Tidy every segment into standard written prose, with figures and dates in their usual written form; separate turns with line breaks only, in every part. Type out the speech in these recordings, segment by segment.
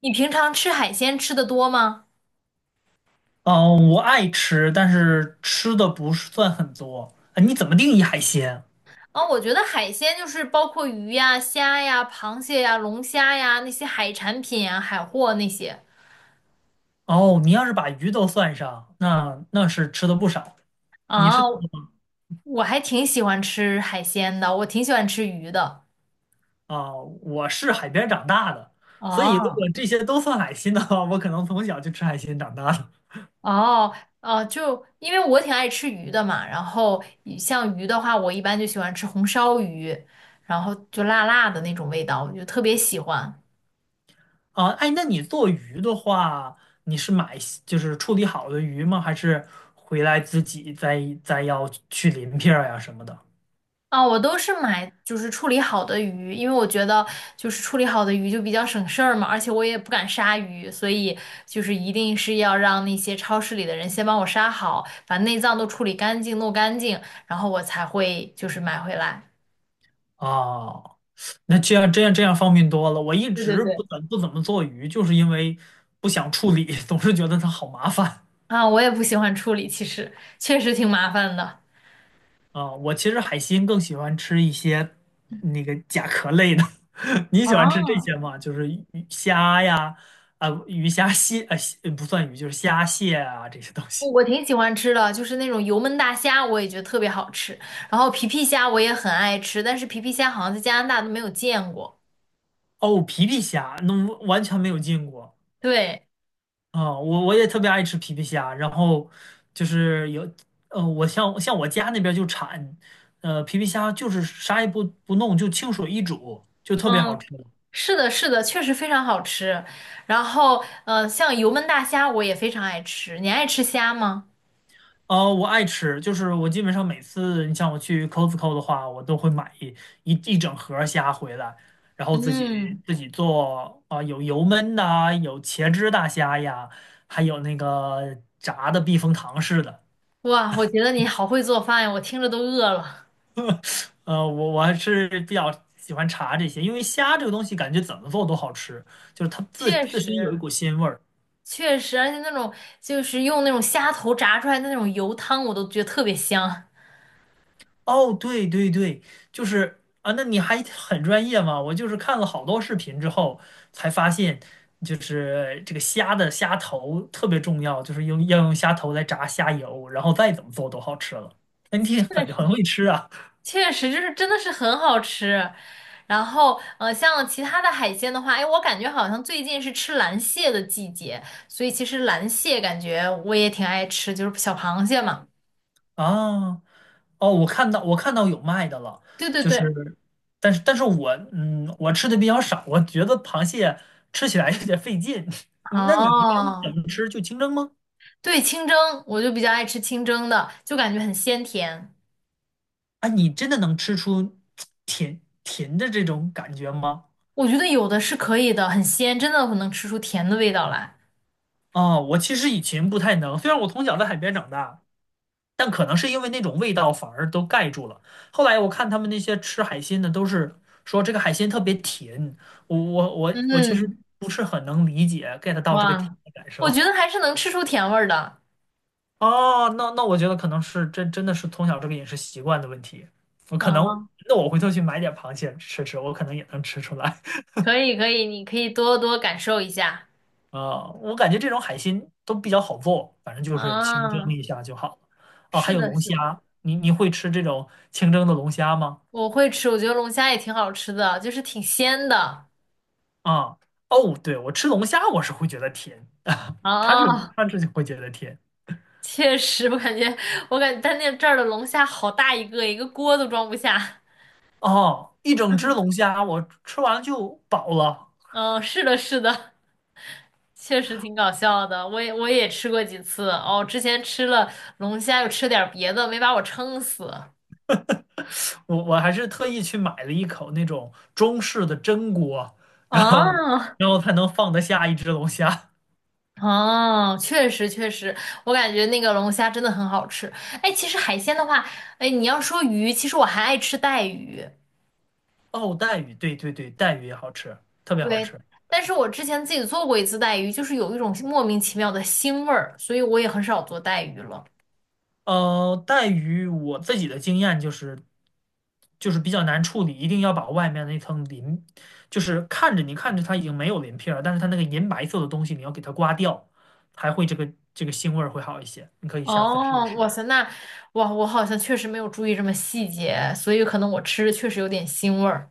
你平常吃海鲜吃的多吗？
嗯，我爱吃，但是吃的不是算很多。啊，你怎么定义海鲜？
啊，我觉得海鲜就是包括鱼呀、虾呀、螃蟹呀、龙虾呀那些海产品呀、海货那些。
哦，你要是把鱼都算上，那是吃的不少。你是
啊，我还挺喜欢吃海鲜的，我挺喜欢吃鱼的。
啊，我是海边长大的，所以如
哦
果这些都算海鲜的话，我可能从小就吃海鲜长大的。
哦哦，就因为我挺爱吃鱼的嘛，然后像鱼的话，我一般就喜欢吃红烧鱼，然后就辣辣的那种味道，我就特别喜欢。
啊，哎，那你做鱼的话，你是买就是处理好的鱼吗？还是回来自己再要去鳞片儿呀什么的？
啊，我都是买就是处理好的鱼，因为我觉得就是处理好的鱼就比较省事儿嘛，而且我也不敢杀鱼，所以就是一定是要让那些超市里的人先帮我杀好，把内脏都处理干净、弄干净，然后我才会就是买回来。
哦，那这样方便多了。我一
对对
直不
对。
怎不怎么做鱼，就是因为不想处理，总是觉得它好麻烦
啊，我也不喜欢处理，其实确实挺麻烦的。
啊。我其实海鲜更喜欢吃一些那个甲壳类的。你喜欢吃这
啊，
些吗？就是鱼虾呀，啊、鱼虾蟹啊、蟹不算鱼，就是虾蟹啊这些东
我
西。
我挺喜欢吃的，就是那种油焖大虾，我也觉得特别好吃。然后皮皮虾我也很爱吃，但是皮皮虾好像在加拿大都没有见过。
哦，皮皮虾，那完全没有见过。
对。
啊，我也特别爱吃皮皮虾，然后就是有，我像我家那边就产，皮皮虾就是啥也不弄，就清水一煮，就特别好
嗯，
吃。
是的，是的，确实非常好吃。然后，像油焖大虾我也非常爱吃。你爱吃虾吗？
啊，我爱吃，就是我基本上每次你像我去 Costco 的话，我都会买一整盒虾回来，然后自己
嗯，
自己做啊，有油焖的啊有茄汁大虾呀，还有那个炸的避风塘式的。
哇，我觉得你好会做饭呀，我听着都饿了。
我还是比较喜欢茶这些，因为虾这个东西感觉怎么做都好吃，就是它自
确
自身有一
实，
股鲜味儿。
确实，而且那种就是用那种虾头炸出来的那种油汤，我都觉得特别香。
哦，对对对，就是啊，那你还很专业嘛？我就是看了好多视频之后才发现，就是这个虾的虾头特别重要，就是用要用虾头来炸虾油，然后再怎么做都好吃了。那你挺
确
很
实
很
是。
会吃啊
确实，就是真的是很好吃。然后，像其他的海鲜的话，哎，我感觉好像最近是吃蓝蟹的季节，所以其实蓝蟹感觉我也挺爱吃，就是小螃蟹嘛。
啊！哦哦，我看到有卖的了，
对对
就是，
对，
但是我嗯，我吃的比较少，我觉得螃蟹吃起来有点费劲。那你一般
哦，
怎么吃？就清蒸吗？
对，清蒸，我就比较爱吃清蒸的，就感觉很鲜甜。
啊，你真的能吃出甜甜的这种感觉吗？
我觉得有的是可以的，很鲜，真的能吃出甜的味道来。
啊，我其实以前不太能，虽然我从小在海边长大，但可能是因为那种味道反而都盖住了。后来我看他们那些吃海鲜的，都是说这个海鲜特别甜，我其实
嗯，
不是很能理解 get 到这个甜
哇，
的感
我觉得
受。
还是能吃出甜味儿的。
哦，那我觉得可能是真的是从小这个饮食习惯的问题。我可能
哦，
那我回头去买点螃蟹吃吃，我可能也能吃出来。
可以可以，你可以多多感受一下。
啊、我感觉这种海鲜都比较好做，反正就是清蒸
啊，
一下就好了。哦，还
是
有
的，
龙
是的，
虾，你会吃这种清蒸的龙虾吗？
我会吃，我觉得龙虾也挺好吃的，就是挺鲜的
啊、哦，对，我吃龙虾我是会觉得甜，它是
啊。
它 是会觉得甜。
确实，我感觉，我感觉但那这儿的龙虾好大一个，一个锅都装不下。
哦，一整只龙虾我吃完了就饱了。
嗯，是的，是的，确实挺搞笑的。我也吃过几次哦，之前吃了龙虾，又吃点儿别的，没把我撑死。
我还是特意去买了一口那种中式的蒸锅，然后
哦
然后才能放得下一只龙虾。
哦，确实确实，我感觉那个龙虾真的很好吃。哎，其实海鲜的话，哎，你要说鱼，其实我还爱吃带鱼。
哦，带鱼，对对对，带鱼也好吃，特别好
对，
吃。
但是我之前自己做过一次带鱼，就是有一种莫名其妙的腥味儿，所以我也很少做带鱼了。
呃，带鱼我自己的经验就是就是比较难处理，一定要把外面那层鳞，就是你看着它已经没有鳞片儿，但是它那个银白色的东西你要给它刮掉，还会这个腥味儿会好一些。你可以下次试
哦，
试。
哇塞，那哇，我好像确实没有注意这么细节，所以可能我吃着确实有点腥味儿。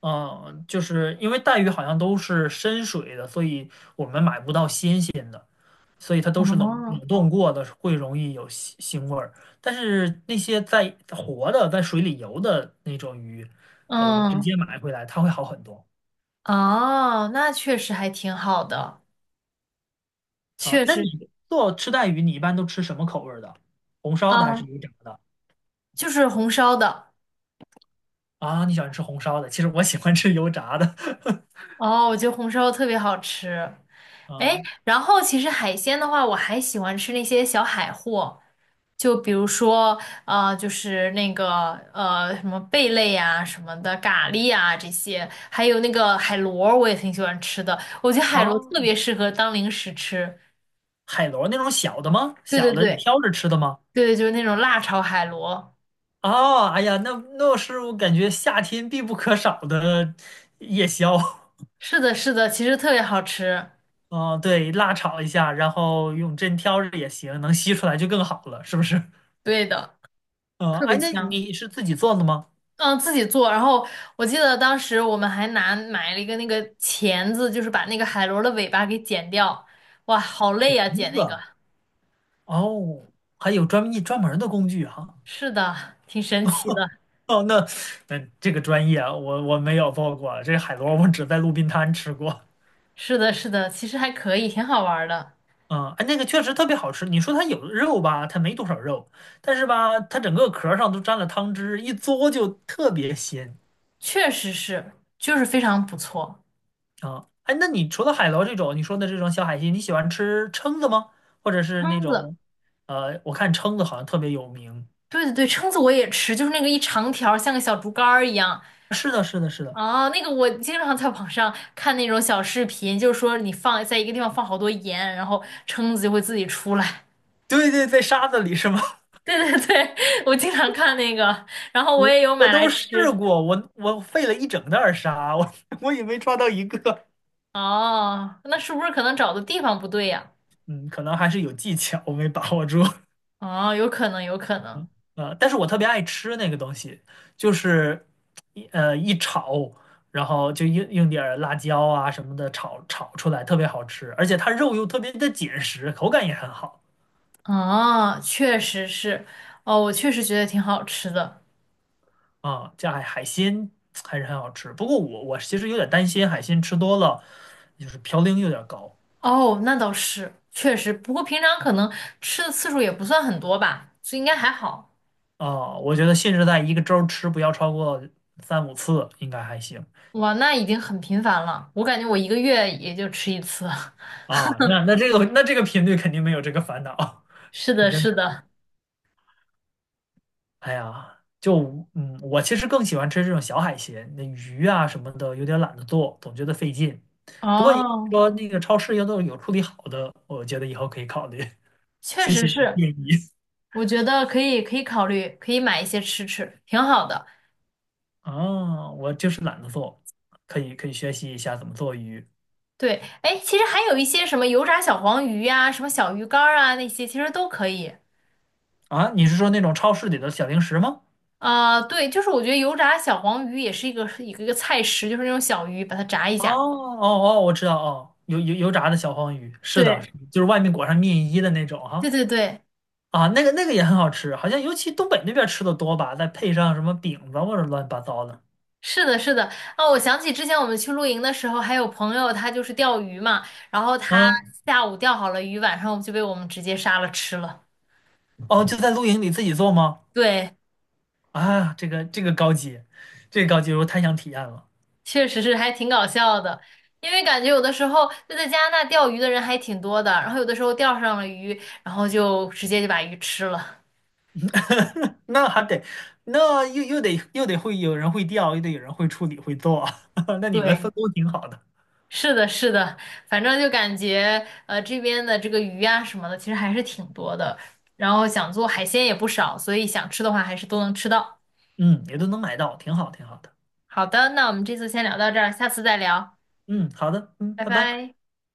嗯，就是因为带鱼好像都是深水的，所以我们买不到新鲜的，所以它都是冷
哦，
冷冻过的，会容易有腥味儿。但是那些在活的、在水里游的那种鱼，啊，我们直
嗯，
接买回来，它会好很多
哦，那确实还挺好的，
啊。
确
那
实
你
是
做吃带鱼，你一般都吃什么口味儿的？红烧的还是
啊，
油炸的？
就是红烧的。
啊，你喜欢吃红烧的，其实我喜欢吃油炸的。
哦，我觉得红烧特别好吃。哎，
嗯
然后其实海鲜的话，我还喜欢吃那些小海货，就比如说就是那个什么贝类呀、什么的，蛤蜊呀、这些，还有那个海螺儿，我也挺喜欢吃的。我觉得海螺特
啊，
别适合当零食吃。
海螺那种小的吗？
对对
小
对
的挑着吃的吗？
对，就是那种辣炒海螺。
哦，哎呀，那那是我感觉夏天必不可少的夜宵。
是的，是的，其实特别好吃。
哦，对，辣炒一下，然后用针挑着也行，能吸出来就更好了，是不是？
对的，
嗯，
特
哎，
别
那
香。
你是自己做的吗？
嗯，自己做。然后我记得当时我们还拿买了一个那个钳子，就是把那个海螺的尾巴给剪掉。哇，好累
瓶
呀，剪
子，
那个。
哦，还有专门儿的工具哈。
是的，挺神奇的。
哦，那那这个专业啊我没有做过，这海螺我只在路边摊吃过。
是的，是的，其实还可以，挺好玩儿的。
嗯，哎，那个确实特别好吃。你说它有肉吧，它没多少肉，但是吧，它整个壳儿上都沾了汤汁，一嘬就特别鲜
确实是，就是非常不错。
啊。哎，那你除了海螺这种你说的这种小海鲜，你喜欢吃蛏子吗？或者是那
蛏子，
种，我看蛏子好像特别有名。
对对对，蛏子我也吃，就是那个一长条儿像个小竹竿儿一样。
是的，是的，是的，
啊，那个我经常在网上看那种小视频，就是说你放在一个地方放好多盐，然后蛏子就会自己出来。
对对，在沙子里是吗？
对对对，我经常看那个，然 后我
我
也有
我
买来
都试
吃。
过，我费了一整袋儿沙，我 我也没抓到一个。
哦，那是不是可能找的地方不对呀？
嗯，可能还是有技巧，我没把握住。
哦，有可能，有可能。
呃，但是我特别爱吃那个东西，就是一炒，然后就用点儿辣椒啊什么的炒出来，特别好吃，而且它肉又特别的紧实，口感也很好
哦，确实是。哦，我确实觉得挺好吃的。
啊。这海鲜还是很好吃，不过我其实有点担心海鲜吃多了就是嘌呤有点高
哦，那倒是，确实。不过平常可能吃的次数也不算很多吧，所以应该还好。
啊。我觉得限制在一个周吃不要超过三五次应该还行
哇，那已经很频繁了。我感觉我一个月也就吃一次。
啊。那那这个频率肯定没有这个烦恼，
是
肯
的，
定。
是的。
哎呀，就嗯，我其实更喜欢吃这种小海鲜，那鱼啊什么的，有点懒得做，总觉得费劲。不过你
哦，
说那个超市要都有处理好的，我觉得以后可以考虑。
确
谢
实
谢你的
是。
建议
我觉得可以，可以考虑，可以买一些吃吃，挺好的。
啊，我就是懒得做，可以学习一下怎么做鱼
对，哎，其实还有一些什么油炸小黄鱼呀、什么小鱼干儿啊那些，其实都可以。
啊。你是说那种超市里的小零食吗？
啊、对，就是我觉得油炸小黄鱼也是一个菜食，就是那种小鱼，把它炸一
哦
下。
哦哦，我知道哦，油炸的小黄鱼，是的
对，
是的就是外面裹上面衣的那种
对
哈。
对对，
啊，那个也很好吃，好像尤其东北那边吃的多吧，再配上什么饼子或者乱七八糟的。
是的，是的。哦，我想起之前我们去露营的时候，还有朋友他就是钓鱼嘛，然后他
嗯，
下午钓好了鱼，晚上就被我们直接杀了吃了。
哦，就在露营里自己做吗？
对，
啊，这个高级，这个高级，我太想体验了。
确实是还挺搞笑的，因为感觉有的时候就在加拿大钓鱼的人还挺多的，然后有的时候钓上了鱼，然后就直接就把鱼吃了。
那还得，那又得会有人会钓，又得有人会处理会做，那 你们
对，
分工挺好的。
是的，是的，反正就感觉这边的这个鱼啊什么的，其实还是挺多的，然后想做海鲜也不少，所以想吃的话还是都能吃到。
嗯，也都能买到，挺好的。
好的，那我们这次先聊到这儿，下次再聊，
嗯，好的，嗯，
拜
拜拜。
拜。